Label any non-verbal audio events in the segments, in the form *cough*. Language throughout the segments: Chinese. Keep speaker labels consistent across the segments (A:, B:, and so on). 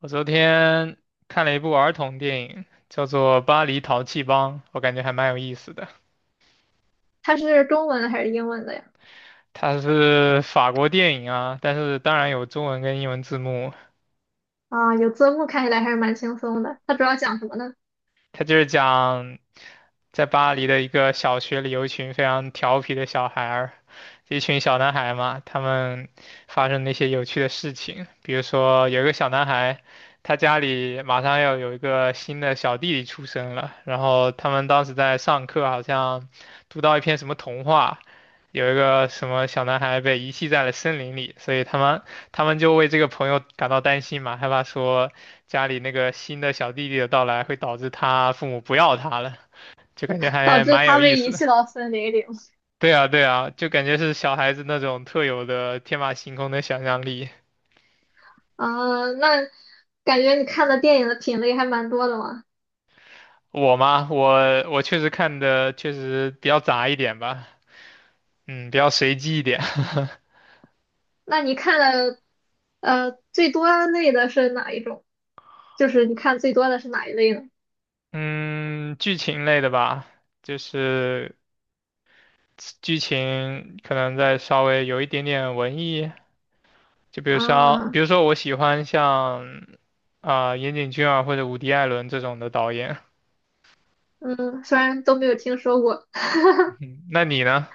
A: 我昨天看了一部儿童电影，叫做《巴黎淘气帮》，我感觉还蛮有意思的。
B: 它是中文的还是英文的呀？
A: 它是法国电影啊，但是当然有中文跟英文字幕，
B: 啊，有字幕看起来还是蛮轻松的。它主要讲什么呢？
A: 他就是讲在巴黎的一个小学里有一群非常调皮的小孩儿，一群小男孩嘛，他们发生那些有趣的事情，比如说有一个小男孩，他家里马上要有一个新的小弟弟出生了，然后他们当时在上课，好像读到一篇什么童话。有一个什么小男孩被遗弃在了森林里，所以他们就为这个朋友感到担心嘛，害怕说家里那个新的小弟弟的到来会导致他父母不要他了，就感觉
B: 导
A: 还
B: 致
A: 蛮
B: 他
A: 有意
B: 被遗
A: 思的。
B: 弃到森林里。
A: 对啊，对啊，就感觉是小孩子那种特有的天马行空的想象力。
B: 啊，那感觉你看的电影的品类还蛮多的嘛。
A: 我嘛，我确实看的确实比较杂一点吧，嗯，比较随机一点。
B: 那你看的最多类的是哪一种？就是你看最多的是哪一类呢？
A: *laughs* 嗯，剧情类的吧，就是剧情可能再稍微有一点点文艺，就比如说，比
B: 啊，
A: 如说我喜欢像岩井俊二或者伍迪·艾伦这种的导演，
B: 嗯，虽然都没有听说过。
A: 嗯，那你呢？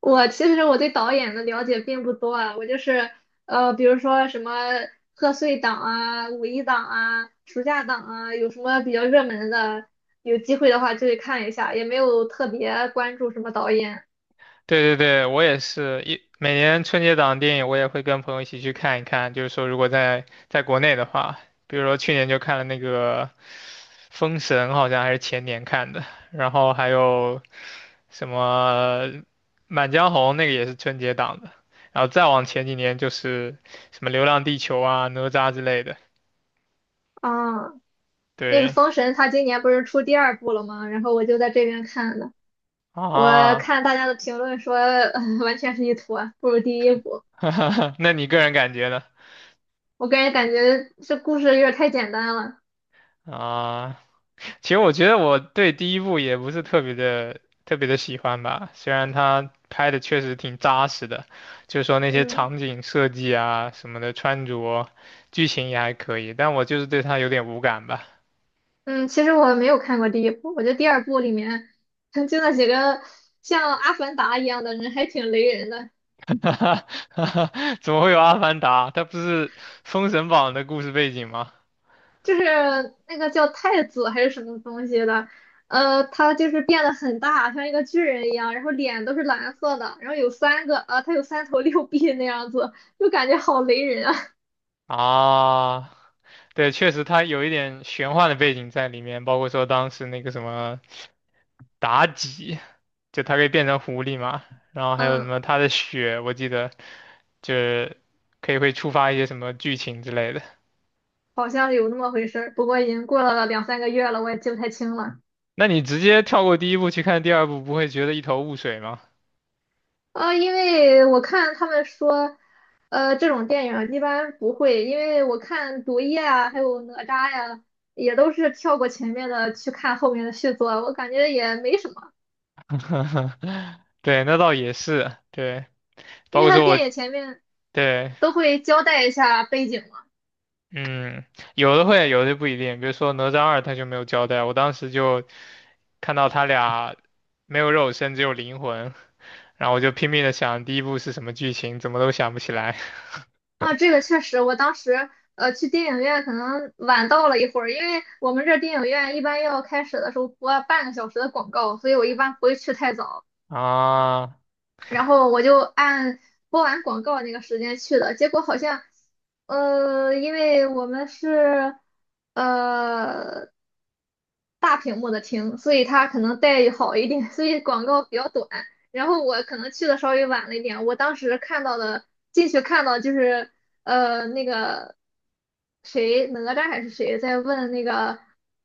B: 其实我对导演的了解并不多啊，我就是比如说什么贺岁档啊、五一档啊、暑假档啊，有什么比较热门的，有机会的话就去看一下，也没有特别关注什么导演
A: 对对对，我也是每年春节档电影，我也会跟朋友一起去看一看。就是说，如果在国内的话，比如说去年就看了那个《封神》，好像还是前年看的，然后还有什么《满江红》，那个也是春节档的。然后再往前几年就是什么《流浪地球》啊、《哪吒》之类的。
B: 啊。那个
A: 对
B: 《封神》它今年不是出第二部了吗？然后我就在这边看的，我
A: 啊。
B: 看大家的评论说，*laughs* 完全是一坨，不如第一部。
A: *laughs* 那你个人感觉呢？
B: 我个人感觉这故事有点太简单了，
A: 啊。其实我觉得我对第一部也不是特别的特别的喜欢吧，虽然它拍的确实挺扎实的，就是说那些
B: 嗯。
A: 场景设计啊什么的穿着，剧情也还可以，但我就是对它有点无感吧。
B: 嗯，其实我没有看过第一部，我觉得第二部里面曾经的几个像阿凡达一样的人还挺雷人的，
A: *laughs* 怎么会有《阿凡达》？它不是《封神榜》的故事背景吗？
B: 就是那个叫太子还是什么东西的，他就是变得很大，像一个巨人一样，然后脸都是蓝色的，然后有三个，他有三头六臂那样子，就感觉好雷人啊。
A: 啊，对，确实它有一点玄幻的背景在里面，包括说当时那个什么妲己，就它可以变成狐狸嘛。然后
B: *laughs*
A: 还有什
B: 嗯，
A: 么它的血，我记得就是可以会触发一些什么剧情之类的。
B: 好像有那么回事儿，不过已经过了两三个月了，我也记不太清了。
A: 那你直接跳过第一部去看第二部，不会觉得一头雾水吗？
B: 啊，因为我看他们说，这种电影一般不会，因为我看《毒液》啊，还有《哪吒》呀，也都是跳过前面的去看后面的续作，我感觉也没什么，
A: *laughs* 对，那倒也是，对，
B: 因
A: 包
B: 为
A: 括
B: 它
A: 说我
B: 电影前面
A: 对，
B: 都会交代一下背景嘛。
A: 嗯，有的会，有的不一定。比如说哪吒二，他就没有交代，我当时就看到他俩没有肉身，只有灵魂，然后我就拼命的想第一部是什么剧情，怎么都想不起来。
B: 啊，这个确实，我当时去电影院可能晚到了一会儿，因为我们这电影院一般要开始的时候播半个小时的广告，所以我一般不会去太早。
A: 啊。
B: 然后我就按播完广告那个时间去的，结果好像，因为我们是呃大屏幕的听，所以他可能待遇好一点，所以广告比较短。然后我可能去的稍微晚了一点，我当时看到的进去看到就是那个谁哪吒还是谁在问那个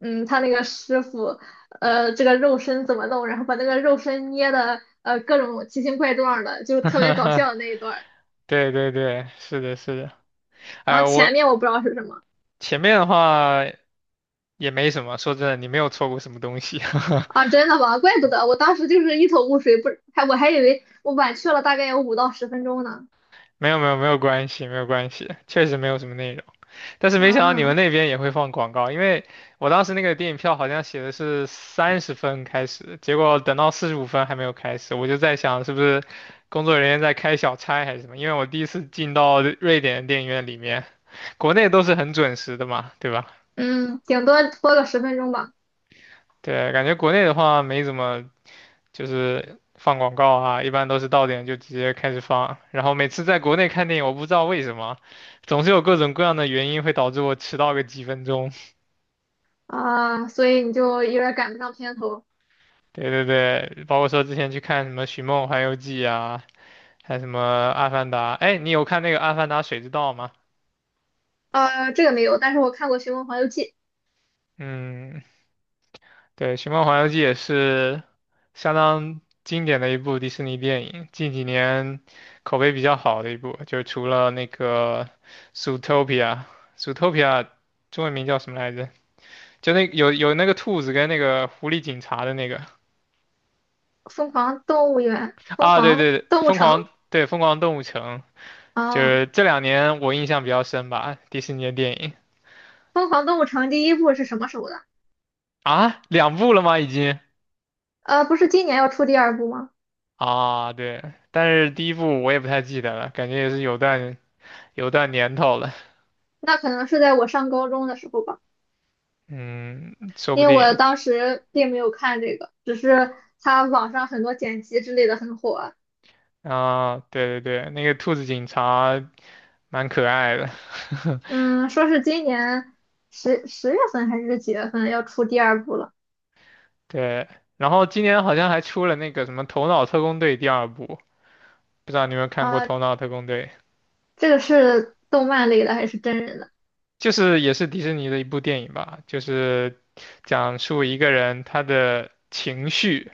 B: 他那个师傅。这个肉身怎么弄，然后把那个肉身捏的各种奇形怪状的，就特别搞笑
A: *laughs*
B: 的那一段儿。
A: 对对对，是的，是的。
B: 然
A: 哎，
B: 后
A: 我
B: 前面我不知道是什么。
A: 前面的话也没什么，说真的，你没有错过什么东西。
B: 啊，真的吗？怪不得我当时就是一头雾水，不还我还以为我晚去了大概有5到10分钟呢。
A: *laughs* 没有没有没有关系，没有关系，确实没有什么内容。但是没想到你们
B: 啊，
A: 那边也会放广告，因为我当时那个电影票好像写的是30分开始，结果等到45分还没有开始，我就在想是不是工作人员在开小差还是什么？因为我第一次进到瑞典的电影院里面，国内都是很准时的嘛，对吧？
B: 嗯，顶多播个十分钟吧。
A: 对，感觉国内的话没怎么就是放广告啊，一般都是到点就直接开始放。然后每次在国内看电影，我不知道为什么，总是有各种各样的原因会导致我迟到个几分钟。
B: 啊，所以你就有点赶不上片头。
A: 对对对，包括说之前去看什么《寻梦环游记》啊，还有什么《阿凡达》。哎，你有看那个《阿凡达：水之道》吗？
B: 这个没有，但是我看过《寻梦环游记》
A: 嗯，对，《寻梦环游记》也是相当经典的一部迪士尼电影，近几年口碑比较好的一部，就除了那个《Zootopia》，《Zootopia》中文名叫什么来着？就那有那个兔子跟那个狐狸警察的那个
B: 《疯狂动物园》《疯
A: 啊，对
B: 狂
A: 对，对
B: 动物
A: 疯
B: 城》。
A: 狂对疯狂动物城，就
B: 啊，
A: 是这2年我印象比较深吧，迪士尼的电影
B: 《疯狂动物城》第一部是什么时候的？
A: 啊，2部了吗？已经
B: 不是今年要出第二部吗？
A: 啊，对，但是第一部我也不太记得了，感觉也是有段年头了。
B: 那可能是在我上高中的时候吧，
A: 嗯，说不
B: 因为我
A: 定
B: 当时并没有看这个，只是它网上很多剪辑之类的很火啊。
A: 啊，对对对，那个兔子警察蛮可爱的。*laughs*
B: 嗯，说是今年十月份还是几月份要出第二部了。
A: 对。然后今年好像还出了那个什么《头脑特工队》第二部，不知道你有没有看过
B: 啊？
A: 《头脑特工队》，
B: 这个是动漫类的还是真人的？
A: 就是也是迪士尼的一部电影吧，就是讲述一个人他的情绪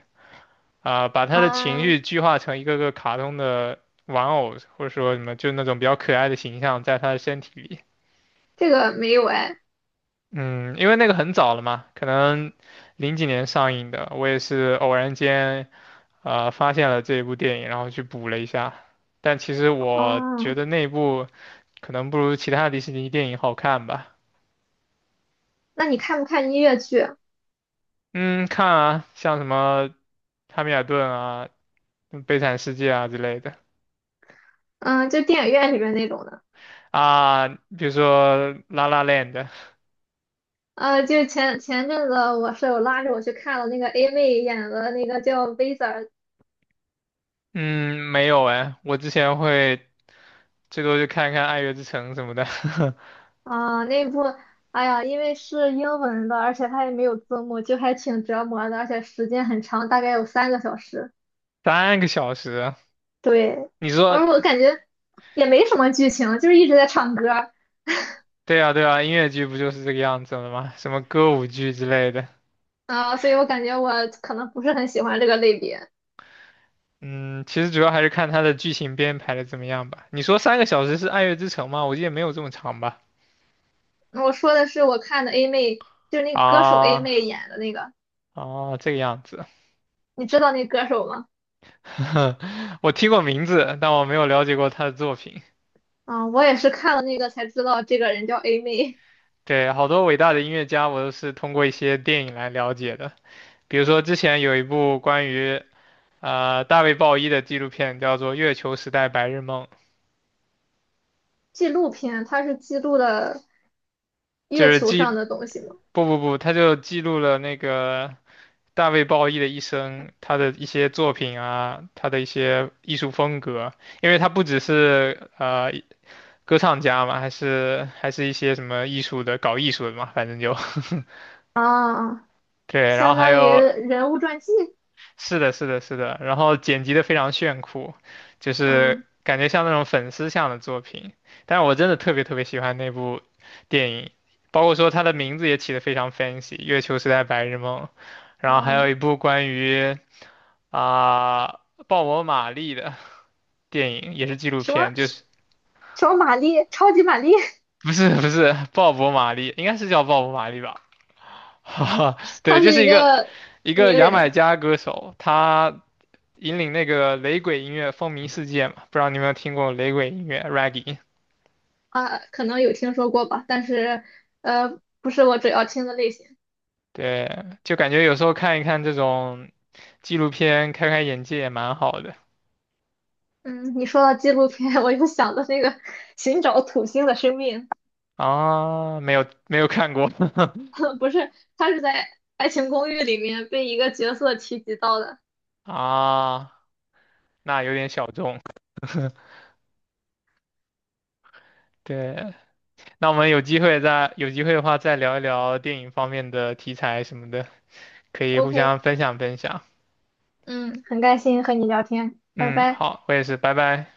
A: 啊，把他的情
B: 啊，
A: 绪具化成一个个卡通的玩偶，或者说什么就那种比较可爱的形象，在他的身体里。
B: 这个没有哎。
A: 嗯，因为那个很早了嘛，可能零几年上映的，我也是偶然间发现了这一部电影，然后去补了一下。但其实我觉
B: 哦，
A: 得那一部可能不如其他迪士尼电影好看吧。
B: 那你看不看音乐剧啊？
A: 嗯，看啊，像什么《汉密尔顿》啊、悲惨世界》啊之类的
B: 嗯，就电影院里边那种的。
A: 啊，比如说《La La n d
B: 就前阵子我舍友拉着我去看了那个 A 妹演的那个叫《w i z a r。
A: 嗯，没有哎，我之前会最多就看看《爱乐之城》什么的。
B: 啊，那部，哎呀，因为是英文的，而且它也没有字幕，就还挺折磨的，而且时间很长，大概有3个小时。
A: *laughs* 三个小时啊。
B: 对，
A: 你说
B: 而我感觉也没什么剧情，就是一直在唱歌儿。
A: 对啊，对啊，音乐剧不就是这个样子了吗？什么歌舞剧之类的。
B: 啊，所以我感觉我可能不是很喜欢这个类别。
A: 嗯，其实主要还是看它的剧情编排的怎么样吧。你说三个小时是《爱乐之城》吗？我记得没有这么长吧？
B: 我说的是我看的 A 妹，就是那歌手 A
A: 啊
B: 妹演的那个，
A: 啊，这个样子。
B: 你知道那歌手吗？
A: *laughs* 我听过名字，但我没有了解过他的作品。
B: 啊，我也是看了那个才知道这个人叫 A 妹。
A: 对，好多伟大的音乐家，我都是通过一些电影来了解的。比如说之前有一部关于大卫鲍伊的纪录片，叫做《月球时代白日梦》，
B: *laughs* 纪录片，它是记录的
A: 就
B: 月
A: 是
B: 球
A: 记
B: 上的东西吗？
A: 不不不，他就记录了那个大卫鲍伊的一生，他的一些作品啊，他的一些艺术风格，因为他不只是歌唱家嘛，还是一些什么艺术的，搞艺术的嘛，反正就。
B: 啊。
A: *laughs* 对。然后
B: 相
A: 还
B: 当于
A: 有，
B: 人物传记。
A: 是的，是的，是的，然后剪辑的非常炫酷，就是
B: 嗯
A: 感觉像那种粉丝向的作品。但是我真的特别特别喜欢那部电影，包括说它的名字也起得非常 fancy，《月球时代白日梦》，然后还有
B: 嗯，
A: 一部关于。啊，鲍勃·马利的电影也是纪录
B: 什
A: 片，就
B: 么
A: 是
B: 什么玛丽，超级玛丽，*laughs*
A: 不是不是鲍勃·马利，应该是叫鲍勃·马利吧？*laughs* 哈哈，对，
B: 她
A: 就
B: 是
A: 是
B: 一
A: 一个
B: 个
A: 一个
B: 名
A: 牙买
B: 人。
A: 加歌手，他引领那个雷鬼音乐风靡世界嘛，不知道你有没有听过雷鬼音乐 （Reggae）？
B: 啊，可能有听说过吧，但是不是我主要听的类型。
A: 对，就感觉有时候看一看这种纪录片，开开眼界也蛮好的
B: 嗯，你说到纪录片，*laughs* 我就想到那个寻找土星的生命，
A: 啊。没有没有看过。
B: *laughs* 不是，他是在《爱情公寓》里面被一个角色提及到的。
A: *laughs* 啊，那有点小众。对，那我们有机会的话再聊一聊电影方面的题材什么的，可以互
B: OK，
A: 相分享分享。
B: 嗯，很开心和你聊天，拜
A: 嗯，
B: 拜。
A: 好，我也是，拜拜。